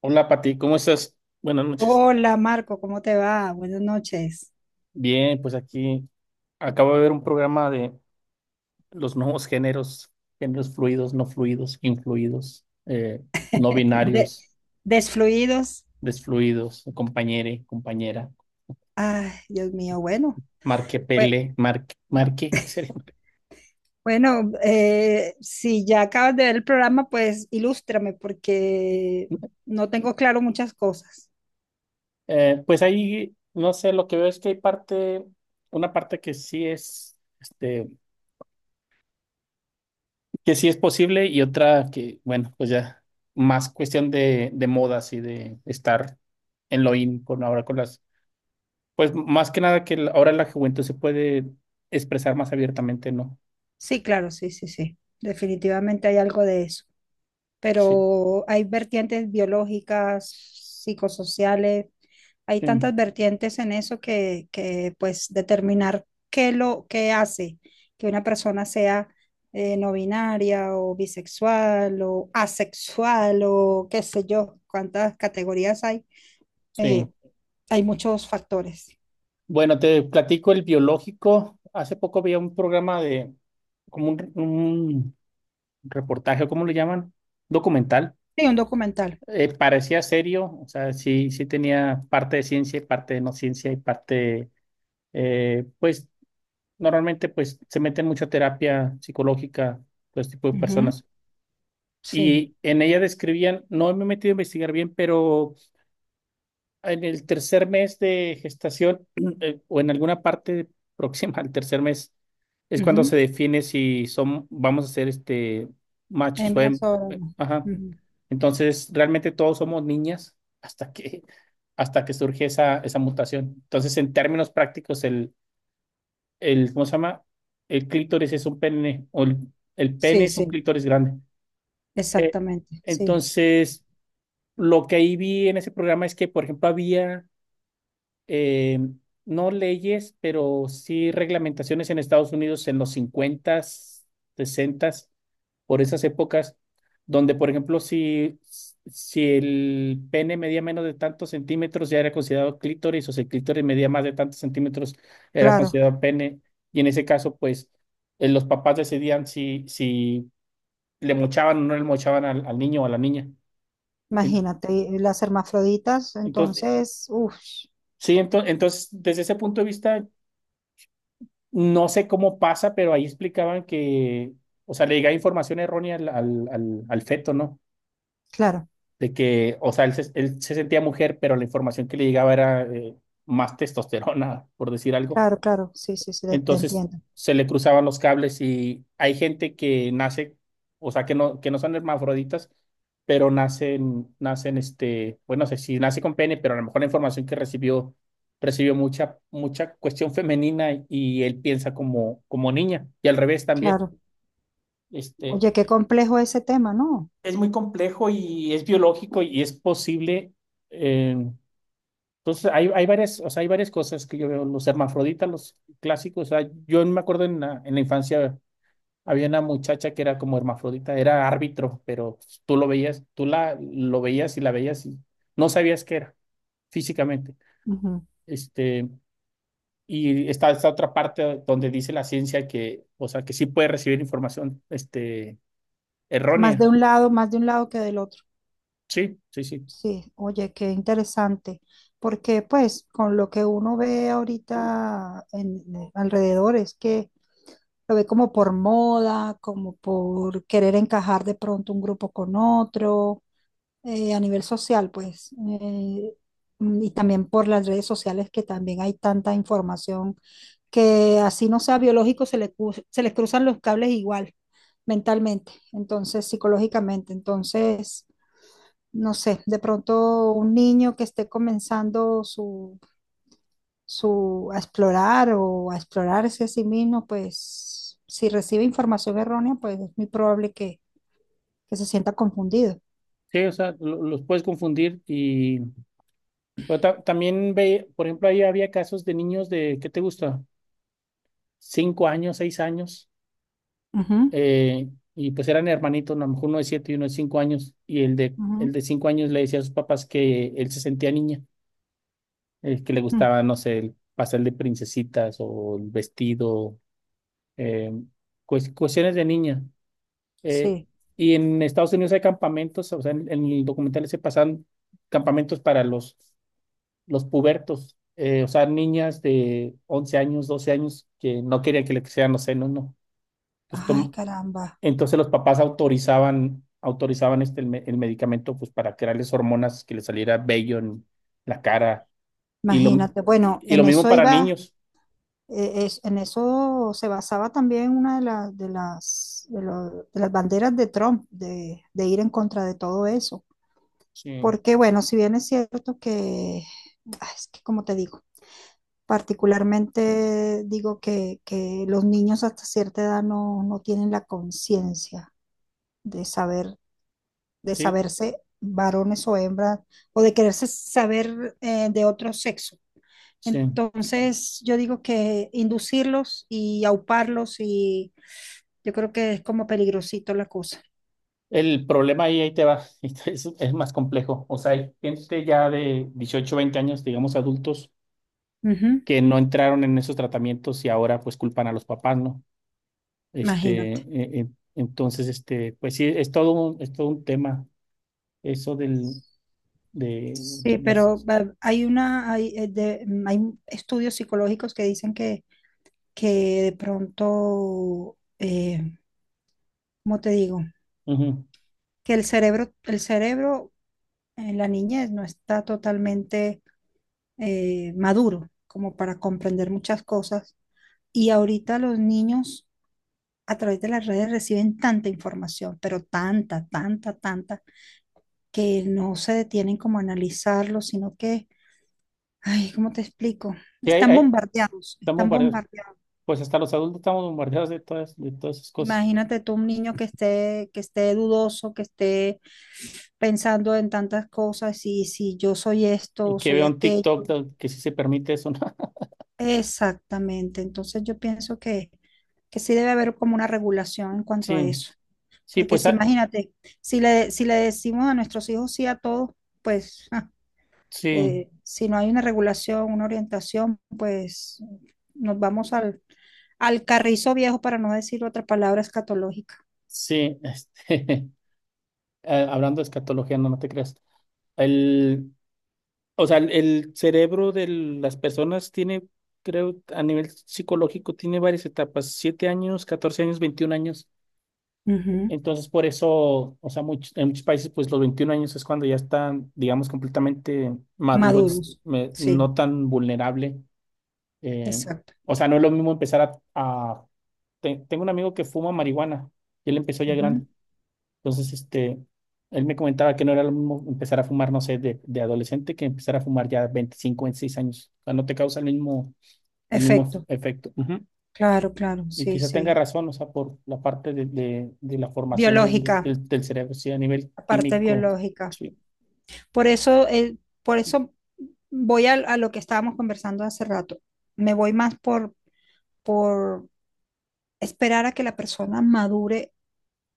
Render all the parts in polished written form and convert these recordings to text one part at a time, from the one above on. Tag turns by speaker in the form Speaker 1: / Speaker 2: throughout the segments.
Speaker 1: Hola Pati, ¿cómo estás? Buenas noches.
Speaker 2: Hola Marco, ¿cómo te va? Buenas noches.
Speaker 1: Bien, pues aquí acabo de ver un programa de los nuevos géneros, géneros fluidos, no fluidos, influidos, no
Speaker 2: De-
Speaker 1: binarios,
Speaker 2: desfluidos.
Speaker 1: desfluidos, compañere, compañera,
Speaker 2: Ay, Dios mío, bueno. bue-
Speaker 1: marquepele, marque, marque, sería.
Speaker 2: Bueno, si ya acabas de ver el programa, pues ilústrame porque no tengo claro muchas cosas.
Speaker 1: Pues ahí, no sé, lo que veo es que hay parte, una parte que sí es, este, que sí es posible y otra que, bueno, pues ya más cuestión de modas y de estar en lo in con ahora con las, pues más que nada que la- ahora la juventud se puede expresar más abiertamente, ¿no?
Speaker 2: Sí, claro, sí, sí, sí. Definitivamente hay algo de eso.
Speaker 1: Sí,
Speaker 2: Pero hay vertientes biológicas, psicosociales. Hay
Speaker 1: sí,
Speaker 2: tantas vertientes en eso que pues determinar qué lo qué hace que una persona sea no binaria o bisexual o asexual o qué sé yo, cuántas categorías hay. eh,
Speaker 1: sí.
Speaker 2: Hay muchos factores.
Speaker 1: Bueno, te platico el biológico. Hace poco veía un programa de, como un reportaje, o ¿cómo le llaman? Documental.
Speaker 2: Sí, un documental.
Speaker 1: Parecía serio, o sea, sí, sí tenía parte de ciencia y parte de no ciencia y parte pues normalmente, pues, se meten mucha terapia psicológica, todo este tipo de
Speaker 2: Ujú.
Speaker 1: personas.
Speaker 2: Sí.
Speaker 1: Y en ella describían, no me he metido a investigar bien, pero en el tercer mes de gestación o en alguna parte próxima al tercer mes es cuando
Speaker 2: Ujú.
Speaker 1: se define si son, vamos a ser este machos o
Speaker 2: Hembra sobre uno.
Speaker 1: ajá.
Speaker 2: Ujú.
Speaker 1: Entonces, realmente todos somos niñas hasta que hasta que surge esa, esa mutación. Entonces, en términos prácticos, el, ¿cómo se llama? El clítoris es un pene, o el pene
Speaker 2: Sí,
Speaker 1: es un
Speaker 2: sí,
Speaker 1: clítoris grande. Eh,
Speaker 2: exactamente. Sí,
Speaker 1: entonces, lo que ahí vi en ese programa es que, por ejemplo, había eh, no leyes, pero sí reglamentaciones en Estados Unidos en los 50s, por esas épocas, donde, por ejemplo, si, si el pene medía menos de tantos centímetros, ya era considerado clítoris, o si el clítoris medía más de tantos centímetros, era
Speaker 2: claro.
Speaker 1: considerado pene. Y en ese caso, pues, los papás decidían si, si le mochaban o no le mochaban al, al niño o a la niña. En-
Speaker 2: Imagínate, y las hermafroditas,
Speaker 1: Entonces,
Speaker 2: entonces, uff,
Speaker 1: sí, entonces, desde ese punto de vista no sé cómo pasa, pero ahí explicaban que, o sea, le llegaba información errónea al feto, ¿no?
Speaker 2: claro.
Speaker 1: De que, o sea, él se sentía mujer, pero la información que le llegaba era más testosterona, por decir algo.
Speaker 2: Claro, claro, sí, sí, sí, te
Speaker 1: Entonces
Speaker 2: entiendo.
Speaker 1: se le cruzaban los cables y hay gente que nace, o sea, que no son hermafroditas, pero nacen, nacen este, bueno, no sé si nace con pene, pero a lo mejor la información que recibió, recibió mucha, mucha cuestión femenina y él piensa como, como niña y al revés también.
Speaker 2: Claro.
Speaker 1: Este,
Speaker 2: Oye, qué complejo ese tema, ¿no?
Speaker 1: es muy complejo y es biológico y es posible. eh, entonces, hay varias, o sea, hay varias cosas que yo veo, los hermafroditas, los clásicos, o sea, yo me acuerdo en la infancia. Había una muchacha que era como hermafrodita, era árbitro, pero tú lo veías, tú la lo veías y la veías y no sabías qué era físicamente.
Speaker 2: Ujú.
Speaker 1: Este, y está esta otra parte donde dice la ciencia que, o sea, que sí puede recibir información, este,
Speaker 2: Más de
Speaker 1: errónea.
Speaker 2: un lado, más de un lado que del otro.
Speaker 1: Sí, sí, sí.
Speaker 2: Sí, oye, qué interesante. Porque pues con lo que uno ve ahorita en alrededor es que lo ve como por moda, como por querer encajar de pronto un grupo con otro, a nivel social, pues. Y también por las redes sociales que también hay tanta información que así no sea biológico, se les cruzan los cables igual, mentalmente, entonces psicológicamente. Entonces, no sé, de pronto un niño que esté comenzando su, su a explorar o a explorarse a sí mismo, pues si recibe información errónea, pues es muy probable que se sienta confundido.
Speaker 1: Sí, o sea, los puedes confundir y pero también ve, por ejemplo, ahí había casos de niños de, ¿qué te gusta? Cinco años, seis años,
Speaker 2: Ujú,
Speaker 1: eh, y pues eran hermanitos, ¿no? A lo mejor uno de siete y uno de cinco años, y el
Speaker 2: ujú,
Speaker 1: de cinco años le decía a sus papás que él se sentía niña, que le
Speaker 2: mm.
Speaker 1: gustaba, no sé, el pastel de princesitas o el vestido, eh, cuestiones de niña. Eh,
Speaker 2: Sí.
Speaker 1: y en Estados Unidos hay campamentos, o sea, en el documental se pasan campamentos para los pubertos. O sea, niñas de 11 años, 12 años que no querían que le sean, no sé, no, no. Entonces,
Speaker 2: Ay, caramba.
Speaker 1: entonces los papás autorizaban, autorizaban este, el medicamento pues para crearles hormonas que les saliera bello en la cara y lo,
Speaker 2: Imagínate. Bueno,
Speaker 1: y lo
Speaker 2: en
Speaker 1: mismo
Speaker 2: eso
Speaker 1: para
Speaker 2: iba.
Speaker 1: niños.
Speaker 2: En eso se basaba también una de las banderas de Trump, de ir en contra de todo eso.
Speaker 1: Sí,
Speaker 2: Porque, bueno, si bien es cierto que, es que como te digo, particularmente digo que los niños hasta cierta edad no tienen la conciencia de saber, de
Speaker 1: sí,
Speaker 2: saberse varones o hembras, o de quererse saber de otro sexo.
Speaker 1: sí.
Speaker 2: Entonces, yo digo que inducirlos y auparlos y yo creo que es como peligrosito la cosa.
Speaker 1: El problema ahí, ahí te va, es más complejo. O sea, hay gente ya de 18, 20 años, digamos adultos,
Speaker 2: Ujú.
Speaker 1: que no entraron en esos tratamientos y ahora pues culpan a los papás, ¿no? Este,
Speaker 2: Imagínate.
Speaker 1: entonces, este, pues sí, es todo un tema, eso del, de
Speaker 2: Sí,
Speaker 1: las...
Speaker 2: pero hay una, hay, de- mm, hay estudios psicológicos que dicen que de pronto, ¿cómo te digo?
Speaker 1: Ujú.
Speaker 2: Que el cerebro en la niñez no está totalmente maduro como para comprender muchas cosas. Y ahorita los niños a través de las redes reciben tanta información, pero tanta, tanta, tanta, que no se detienen como a analizarlo, sino que. Ay, ¿cómo te explico?
Speaker 1: Y ahí,
Speaker 2: Están
Speaker 1: ahí
Speaker 2: bombardeados,
Speaker 1: estamos
Speaker 2: están
Speaker 1: bombardeados,
Speaker 2: bombardeados.
Speaker 1: pues hasta los adultos estamos bombardeados de todas esas cosas.
Speaker 2: Imagínate tú un niño que esté dudoso, que esté pensando en tantas cosas y si yo soy esto
Speaker 1: Y
Speaker 2: o
Speaker 1: que
Speaker 2: soy
Speaker 1: veo un TikTok
Speaker 2: aquello.
Speaker 1: que sí se permite eso, ¿no?
Speaker 2: Exactamente. Entonces yo pienso que sí debe haber como una regulación en cuanto a
Speaker 1: Sí,
Speaker 2: eso.
Speaker 1: sí,
Speaker 2: Porque
Speaker 1: pues
Speaker 2: si
Speaker 1: ah,
Speaker 2: imagínate, si le decimos a nuestros hijos sí a todos, pues
Speaker 1: sí,
Speaker 2: si no hay una regulación, una orientación, pues nos vamos al carrizo viejo, para no decir otra palabra escatológica.
Speaker 1: sí, este, hablando de escatología, no, no te creas. El, o sea, el cerebro de las personas tiene, creo, a nivel psicológico, tiene varias etapas, 7 años, 14 años, 21 años.
Speaker 2: Ujú.
Speaker 1: Entonces, por eso, o sea, en muchos países, pues los 21 años es cuando ya están, digamos, completamente maduros,
Speaker 2: Maduros, sí,
Speaker 1: no tan vulnerable. eh,
Speaker 2: exacto.
Speaker 1: o sea, no es lo mismo empezar a... tengo un amigo que fuma marihuana y él empezó ya grande.
Speaker 2: Ujú.
Speaker 1: Entonces, este, él me comentaba que no era lo mismo empezar a fumar, no sé, de adolescente que empezar a fumar ya 25, 26 años. O sea, no te causa el mismo
Speaker 2: Efecto,
Speaker 1: efecto.
Speaker 2: claro, claro,
Speaker 1: Y
Speaker 2: sí,
Speaker 1: quizá tenga
Speaker 2: sí.
Speaker 1: razón, o sea, por la parte de la formación
Speaker 2: Biológica,
Speaker 1: del cerebro, sí, a nivel
Speaker 2: la parte
Speaker 1: químico,
Speaker 2: biológica.
Speaker 1: sí,
Speaker 2: Por eso, eh, por eso, voy a lo que estábamos conversando hace rato. Me voy más por esperar a que la persona madure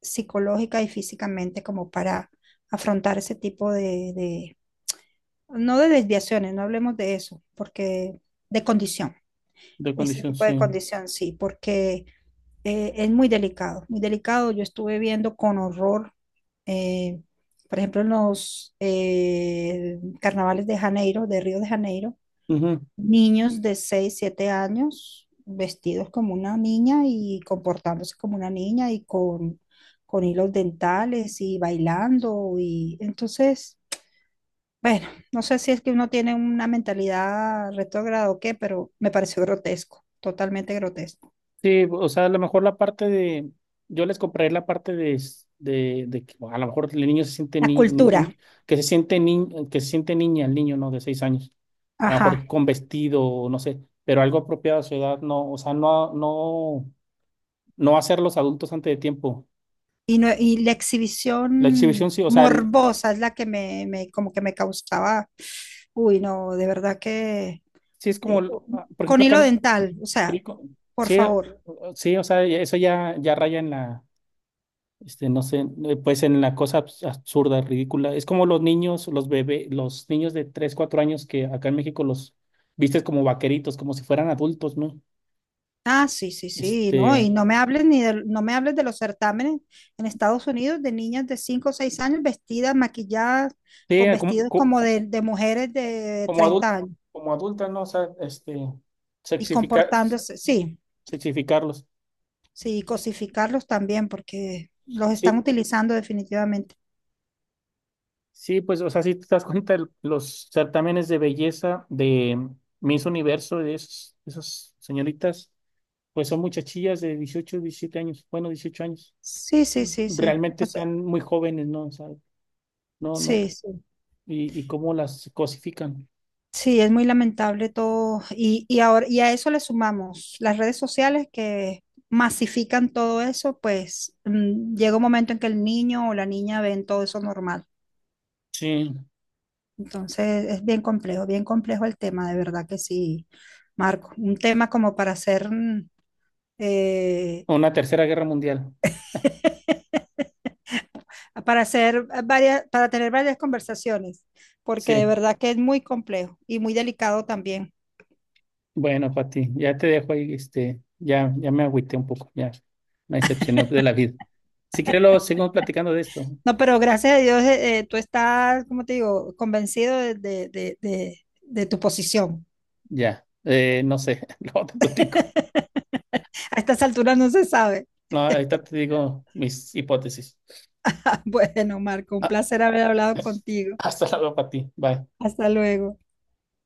Speaker 2: psicológica y físicamente como para afrontar ese tipo de no de desviaciones, no hablemos de eso, porque de condición.
Speaker 1: de
Speaker 2: Ese
Speaker 1: condición,
Speaker 2: tipo de
Speaker 1: sí.
Speaker 2: condición, sí, porque es muy delicado, muy delicado. Yo estuve viendo con horror, eh, por ejemplo, en los carnavales de Río de Janeiro,
Speaker 1: Ujú.
Speaker 2: niños de 6 7 años vestidos como una niña y comportándose como una niña y con hilos dentales y bailando. Y entonces, bueno, no sé si es que uno tiene una mentalidad retrógrada o qué, pero me pareció grotesco, totalmente grotesco.
Speaker 1: Sí, o sea, a lo mejor la parte de, yo les compraré la parte de, de que a lo mejor el niño se siente
Speaker 2: La cultura,
Speaker 1: que se siente niña, el niño, ¿no? De seis años, a lo
Speaker 2: ajá.
Speaker 1: mejor con vestido, no sé, pero algo apropiado a su edad, no, o sea, no, no, no hacer los adultos antes de tiempo.
Speaker 2: Y, no, y la
Speaker 1: La exhibición,
Speaker 2: exhibición
Speaker 1: sí, o sea,
Speaker 2: morbosa es la que como que me causaba, uy, no, de verdad que
Speaker 1: sí es como,
Speaker 2: eh,
Speaker 1: ah, por
Speaker 2: con
Speaker 1: ejemplo,
Speaker 2: hilo
Speaker 1: acá.
Speaker 2: dental, o sea,
Speaker 1: Sí, co-
Speaker 2: por
Speaker 1: sí,
Speaker 2: favor.
Speaker 1: sí, o sea, eso ya, ya raya en la, este, no sé, pues en la cosa absurda, ridícula. Es como los niños, los bebés, los niños de 3 4 años que acá en México los vistes como vaqueritos, como si fueran adultos, ¿no?
Speaker 2: Ah, sí, sí, sí, no,
Speaker 1: Este,
Speaker 2: y no me hables ni de, no me hables de los certámenes en Estados Unidos de niñas de 5 o 6 años vestidas, maquilladas,
Speaker 1: sí,
Speaker 2: con vestidos como de mujeres de
Speaker 1: como, adultos,
Speaker 2: 30 años
Speaker 1: como adulta, ¿no? O sea, este,
Speaker 2: y
Speaker 1: sexificar,
Speaker 2: comportándose, sí.
Speaker 1: sexificarlos.
Speaker 2: Sí, cosificarlos también, porque los están
Speaker 1: Sí,
Speaker 2: utilizando definitivamente.
Speaker 1: sí, pues, o sea, si te das cuenta, los certámenes de belleza de Miss Universo, esas señoritas pues son muchachillas de 18, 17 años, bueno, 18 años.
Speaker 2: Sí, sí, sí, sí.
Speaker 1: Realmente
Speaker 2: O sea,
Speaker 1: están muy jóvenes, ¿no? O sea, no, no.
Speaker 2: sí, sí.
Speaker 1: Y cómo las cosifican.
Speaker 2: Sí, es muy lamentable todo. Y ahora, y a eso le sumamos las redes sociales que masifican todo eso, pues llega un momento en que el niño o la niña ven todo eso normal.
Speaker 1: Sí,
Speaker 2: Entonces es bien complejo el tema, de verdad que sí, Marco. Un tema como para hacer eh,
Speaker 1: una tercera guerra mundial.
Speaker 2: para tener varias conversaciones, porque de
Speaker 1: Sí,
Speaker 2: verdad que es muy complejo y muy delicado también.
Speaker 1: bueno, Pati, ya te dejo ahí, este, ya, ya me agüité un poco, ya me decepcioné de la vida. Si quieres, luego seguimos platicando de esto.
Speaker 2: No, pero gracias a Dios tú estás, como te digo, convencido de tu posición.
Speaker 1: Ya, no sé, luego te platico.
Speaker 2: A estas alturas no se sabe.
Speaker 1: No, ahorita te digo mis hipótesis.
Speaker 2: Bueno, Marco, un
Speaker 1: Ah,
Speaker 2: placer haber hablado contigo.
Speaker 1: hasta luego, Pati. Bye.
Speaker 2: Hasta luego.